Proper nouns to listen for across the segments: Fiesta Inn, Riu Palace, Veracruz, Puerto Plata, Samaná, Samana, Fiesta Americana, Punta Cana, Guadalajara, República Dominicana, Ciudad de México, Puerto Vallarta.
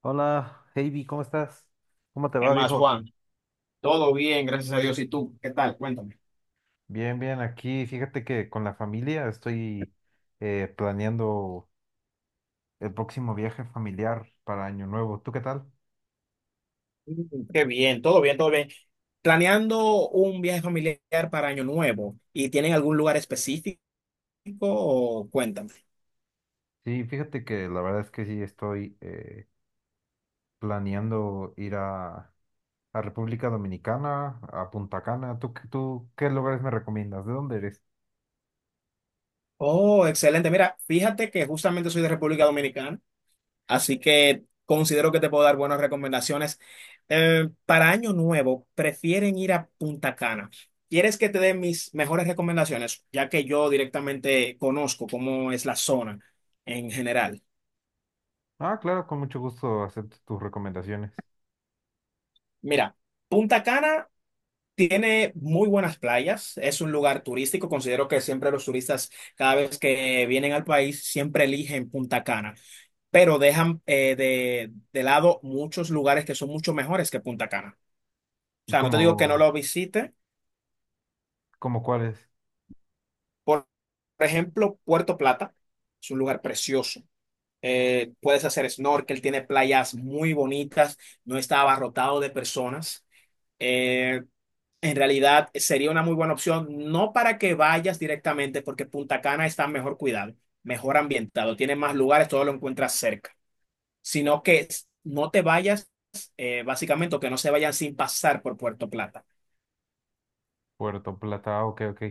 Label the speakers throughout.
Speaker 1: Hola, Heidi, ¿cómo estás? ¿Cómo te
Speaker 2: Es
Speaker 1: va,
Speaker 2: más,
Speaker 1: viejo?
Speaker 2: Juan, todo bien, gracias a Dios. ¿Y tú? ¿Qué tal? Cuéntame.
Speaker 1: Bien, bien, aquí fíjate que con la familia estoy planeando el próximo viaje familiar para Año Nuevo. ¿Tú qué tal?
Speaker 2: Qué bien, todo bien, todo bien. Planeando un viaje familiar para Año Nuevo, ¿y tienen algún lugar específico? O Cuéntame.
Speaker 1: Sí, fíjate que la verdad es que sí estoy planeando a República Dominicana, a Punta Cana. ¿ Tú qué lugares me recomiendas? ¿De dónde eres?
Speaker 2: Oh, excelente. Mira, fíjate que justamente soy de República Dominicana, así que considero que te puedo dar buenas recomendaciones. Para Año Nuevo, prefieren ir a Punta Cana. ¿Quieres que te dé mis mejores recomendaciones, ya que yo directamente conozco cómo es la zona en general?
Speaker 1: Ah, claro, con mucho gusto acepto tus recomendaciones.
Speaker 2: Mira, Punta Cana tiene muy buenas playas, es un lugar turístico, considero que siempre los turistas cada vez que vienen al país siempre eligen Punta Cana, pero dejan de lado muchos lugares que son mucho mejores que Punta Cana. O sea, no te
Speaker 1: ¿Cómo,
Speaker 2: digo que no lo visite,
Speaker 1: Cómo cuáles?
Speaker 2: por, por ejemplo, Puerto Plata es un lugar precioso. Puedes hacer snorkel, tiene playas muy bonitas, no está abarrotado de personas. Eh, En realidad sería una muy buena opción, no para que vayas directamente, porque Punta Cana está mejor cuidado, mejor ambientado, tiene más lugares, todo lo encuentras cerca, sino que no te vayas, básicamente, o que no se vayan sin pasar por Puerto Plata.
Speaker 1: Puerto Plata, ah, ok, ok.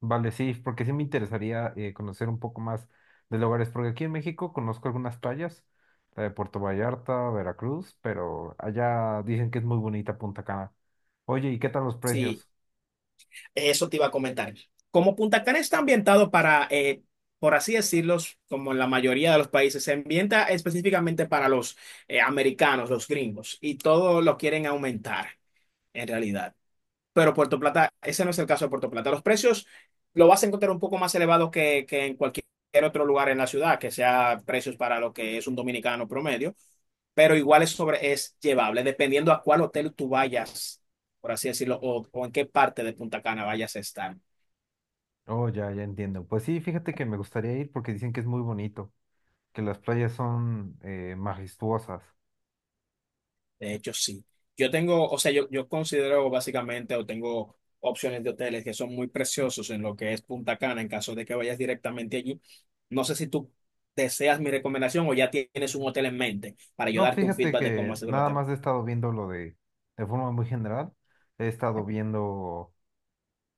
Speaker 1: Vale, sí, porque sí me interesaría conocer un poco más de lugares, porque aquí en México conozco algunas playas, la de Puerto Vallarta, Veracruz, pero allá dicen que es muy bonita Punta Cana. Oye, ¿y qué tal los
Speaker 2: Sí,
Speaker 1: precios?
Speaker 2: eso te iba a comentar. Como Punta Cana está ambientado para, por así decirlo, como en la mayoría de los países, se ambienta específicamente para los americanos, los gringos, y todo lo quieren aumentar, en realidad. Pero Puerto Plata, ese no es el caso de Puerto Plata. Los precios lo vas a encontrar un poco más elevados que en cualquier otro lugar en la ciudad, que sea precios para lo que es un dominicano promedio, pero igual es, sobre, es llevable, dependiendo a cuál hotel tú vayas, por así decirlo, o en qué parte de Punta Cana vayas a estar.
Speaker 1: Oh, ya, ya entiendo. Pues sí, fíjate que me gustaría ir porque dicen que es muy bonito, que las playas son majestuosas.
Speaker 2: De hecho, sí. Yo tengo, o sea, yo considero básicamente o tengo opciones de hoteles que son muy preciosos en lo que es Punta Cana, en caso de que vayas directamente allí. No sé si tú deseas mi recomendación o ya tienes un hotel en mente para yo
Speaker 1: No,
Speaker 2: darte un
Speaker 1: fíjate
Speaker 2: feedback de cómo
Speaker 1: que
Speaker 2: es el
Speaker 1: nada
Speaker 2: hotel.
Speaker 1: más he estado viendo de forma muy general, he estado viendo.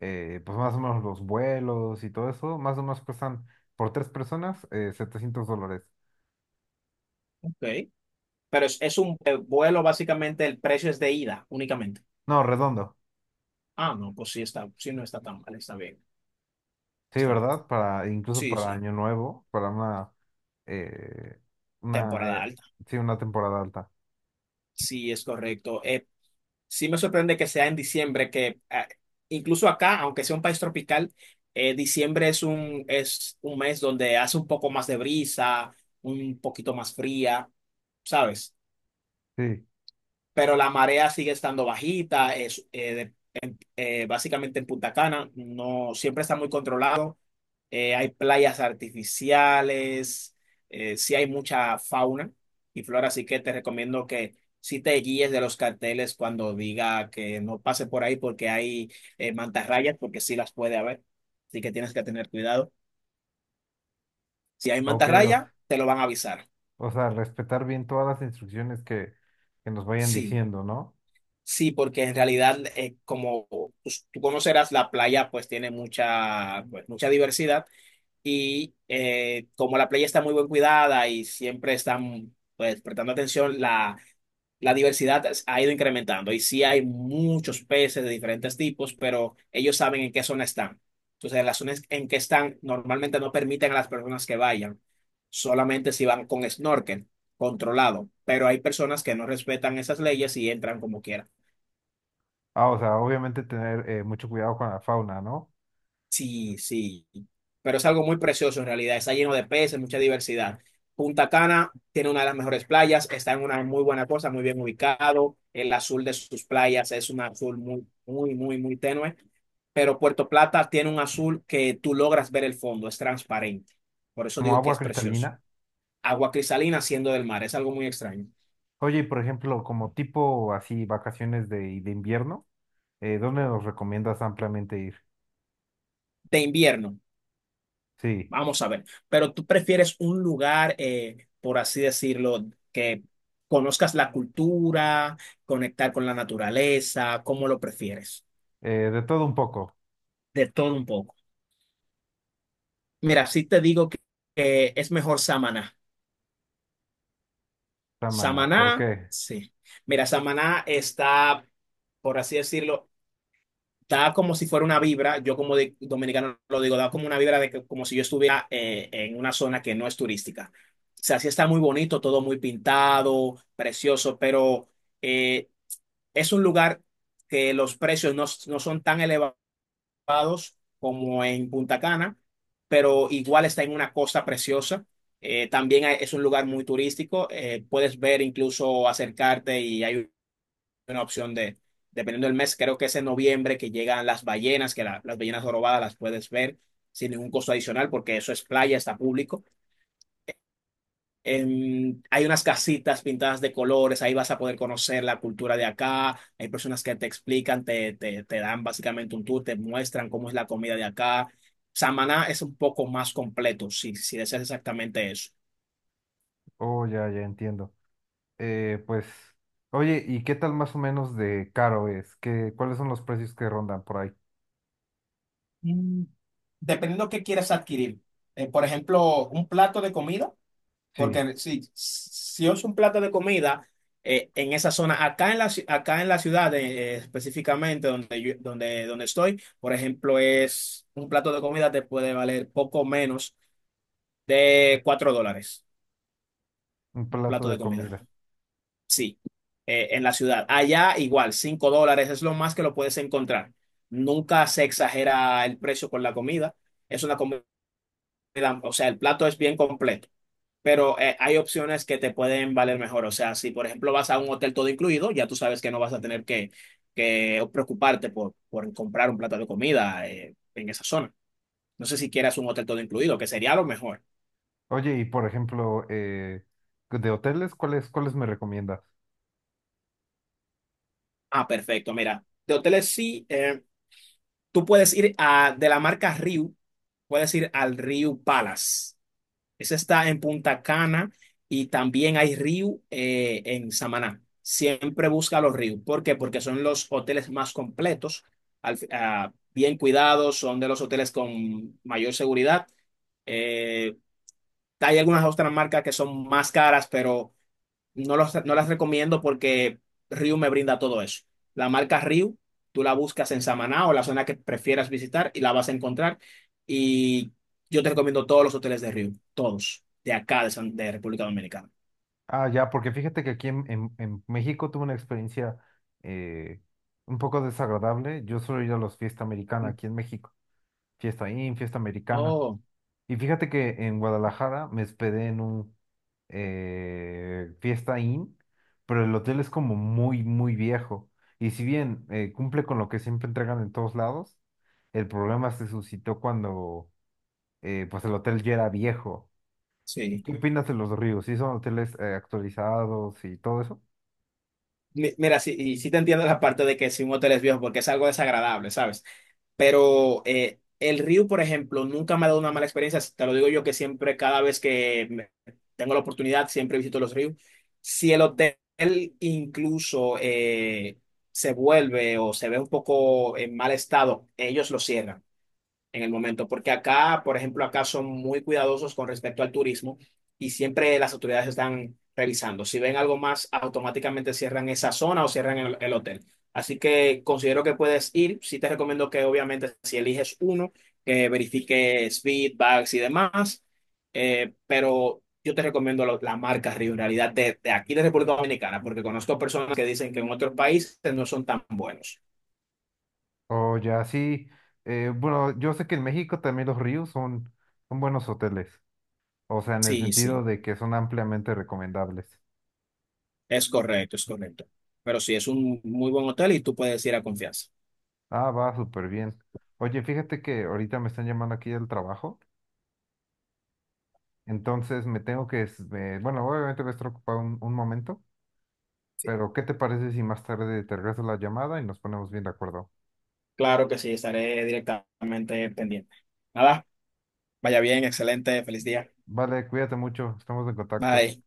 Speaker 1: eh, pues más o menos los vuelos y todo eso, más o menos cuestan por tres personas $700.
Speaker 2: Ok. Pero es un vuelo, básicamente el precio es de ida únicamente.
Speaker 1: No, redondo.
Speaker 2: Ah, no, pues sí está, sí no está tan mal, está bien,
Speaker 1: Sí,
Speaker 2: está bien.
Speaker 1: ¿verdad? Para, incluso
Speaker 2: Sí,
Speaker 1: para
Speaker 2: sí,
Speaker 1: Año Nuevo, eh, una,
Speaker 2: temporada
Speaker 1: eh,
Speaker 2: alta.
Speaker 1: sí, una temporada alta.
Speaker 2: Sí, es correcto. Sí me sorprende que sea en diciembre, que ah, incluso acá, aunque sea un país tropical, diciembre es un mes donde hace un poco más de brisa, un poquito más fría, ¿sabes?
Speaker 1: Sí,
Speaker 2: Pero la marea sigue estando bajita, es, básicamente en Punta Cana, no siempre está muy controlado. Hay playas artificiales, sí hay mucha fauna y flora, así que te recomiendo que sí te guíes de los carteles cuando diga que no pase por ahí porque hay mantarrayas, porque sí las puede haber, así que tienes que tener cuidado. Si hay
Speaker 1: ok,
Speaker 2: mantarraya, te lo van a avisar.
Speaker 1: o sea, respetar bien todas las instrucciones que que, nos vayan
Speaker 2: Sí,
Speaker 1: diciendo, ¿no?
Speaker 2: sí, porque en realidad, como pues, tú conocerás, la playa pues tiene mucha, pues, mucha diversidad. Y como la playa está muy bien cuidada y siempre están pues, prestando atención, la diversidad ha ido incrementando. Y sí hay muchos peces de diferentes tipos, pero ellos saben en qué zona están. Entonces, en las zonas en que están normalmente no permiten a las personas que vayan, solamente si van con snorkel controlado. Pero hay personas que no respetan esas leyes y entran como quieran.
Speaker 1: Ah, o sea, obviamente tener mucho cuidado con la fauna, ¿no?
Speaker 2: Sí, sí, pero es algo muy precioso en realidad. Está lleno de peces, mucha diversidad. Punta Cana tiene una de las mejores playas, está en una muy buena cosa, muy bien ubicado. El azul de sus playas es un azul muy, muy, muy, muy tenue. Pero Puerto Plata tiene un azul que tú logras ver el fondo, es transparente. Por eso
Speaker 1: Como
Speaker 2: digo que
Speaker 1: agua
Speaker 2: es precioso.
Speaker 1: cristalina.
Speaker 2: Agua cristalina siendo del mar, es algo muy extraño.
Speaker 1: Oye, y por ejemplo, como tipo así vacaciones de invierno. ¿Dónde nos recomiendas ampliamente ir?
Speaker 2: De invierno.
Speaker 1: Sí,
Speaker 2: Vamos a ver, pero tú prefieres un lugar, por así decirlo, que conozcas la cultura, conectar con la naturaleza, ¿cómo lo prefieres?
Speaker 1: de todo un poco.
Speaker 2: De todo un poco. Mira, sí te digo que es mejor Samaná.
Speaker 1: Samana. ¿Por
Speaker 2: Samaná,
Speaker 1: qué?
Speaker 2: sí. Mira, Samaná está, por así decirlo, da como si fuera una vibra, yo como dominicano lo digo, da como una vibra de que, como si yo estuviera en una zona que no es turística. O sea, sí está muy bonito, todo muy pintado, precioso, pero eh, es un lugar que los precios no, no son tan elevados como en Punta Cana, pero igual está en una costa preciosa. También es un lugar muy turístico, puedes ver incluso acercarte y hay una opción de, dependiendo del mes, creo que es en noviembre que llegan las ballenas, que las ballenas jorobadas las puedes ver sin ningún costo adicional, porque eso es playa, está público. Hay unas casitas pintadas de colores, ahí vas a poder conocer la cultura de acá, hay personas que te explican, te dan básicamente un tour, te muestran cómo es la comida de acá. Samaná es un poco más completo, si deseas exactamente eso.
Speaker 1: Oh, ya, ya entiendo. Pues, oye, ¿y qué tal más o menos de caro es? ¿Qué, cuáles son los precios que rondan por ahí?
Speaker 2: Mm, Dependiendo qué quieras adquirir. Por ejemplo, un plato de comida.
Speaker 1: Sí,
Speaker 2: Porque si es un plato de comida en esa zona, acá en acá en la ciudad específicamente donde, donde, donde estoy, por ejemplo, es un plato de comida te puede valer poco menos de $4,
Speaker 1: un
Speaker 2: un
Speaker 1: plato
Speaker 2: plato de
Speaker 1: de
Speaker 2: comida.
Speaker 1: comida.
Speaker 2: Sí, en la ciudad. Allá igual, $5 es lo más que lo puedes encontrar. Nunca se exagera el precio con la comida. Es una comida, o sea, el plato es bien completo. Pero hay opciones que te pueden valer mejor. O sea, si por ejemplo vas a un hotel todo incluido, ya tú sabes que no vas a tener que preocuparte por comprar un plato de comida en esa zona. No sé si quieras un hotel todo incluido, que sería lo mejor.
Speaker 1: Oye, y por ejemplo, de hoteles, ¿cuáles, cuáles me recomiendas?
Speaker 2: Ah, perfecto. Mira, de hoteles sí, tú puedes ir a, de la marca Riu, puedes ir al Riu Palace. Esa está en Punta Cana y también hay Riu en Samaná. Siempre busca los Riu. ¿Por qué? Porque son los hoteles más completos, al ah, bien cuidados, son de los hoteles con mayor seguridad. Eh, Hay algunas otras marcas que son más caras, pero no, no las recomiendo porque Ryu me brinda todo eso. La marca Ryu, tú la buscas en Samaná o la zona que prefieras visitar y la vas a encontrar. Y yo te recomiendo todos los hoteles de Ryu, todos, de acá, de República Dominicana.
Speaker 1: Ah, ya, porque fíjate que aquí en México tuve una experiencia eh, un poco desagradable. Yo suelo ir a los fiesta americana aquí en México. Fiesta americana.
Speaker 2: Oh,
Speaker 1: Y fíjate que en Guadalajara me hospedé en un Fiesta Inn, pero el hotel es como muy, muy viejo. Y si bien cumple con lo que siempre entregan en todos lados, el problema se suscitó cuando pues el hotel ya era viejo. ¿Y
Speaker 2: sí.
Speaker 1: ¿Qué opinas de los ríos? ¿Sí son hoteles actualizados y todo eso?
Speaker 2: Mira, sí, y sí te entiendo la parte de que si un hotel es viejo, porque es algo desagradable, ¿sabes? Pero el Ryu, por ejemplo, nunca me ha dado una mala experiencia. Te lo digo yo que siempre, cada vez que tengo la oportunidad, siempre visito los Ryu. Si el hotel incluso se vuelve o se ve un poco en mal estado, ellos lo cierran en el momento, porque acá, por ejemplo, acá son muy cuidadosos con respecto al turismo y siempre las autoridades están revisando. Si ven algo más, automáticamente cierran esa zona o cierran el hotel. Así que considero que puedes ir. Sí te recomiendo que obviamente si eliges uno, que verifiques feedbacks y demás, pero yo te recomiendo la marca Río, en realidad de aquí de República Dominicana, porque conozco personas que dicen que en otros países no son tan buenos.
Speaker 1: O ya sí, bueno, yo sé que en México también los ríos son buenos hoteles, o sea, en el
Speaker 2: Sí,
Speaker 1: sentido
Speaker 2: sí.
Speaker 1: de que son ampliamente recomendables.
Speaker 2: Es correcto, es correcto. Pero sí, es un muy buen hotel y tú puedes ir a confianza.
Speaker 1: Ah, va súper bien. Oye, fíjate que ahorita me están llamando aquí del trabajo, entonces me tengo que, bueno, obviamente voy a estar ocupado un momento,
Speaker 2: Sí,
Speaker 1: pero ¿qué te parece si más tarde te regreso la llamada y nos ponemos bien de acuerdo?
Speaker 2: claro que sí, estaré directamente pendiente. Nada, vaya bien, excelente, feliz día.
Speaker 1: Vale, cuídate mucho, estamos en contacto.
Speaker 2: Bye.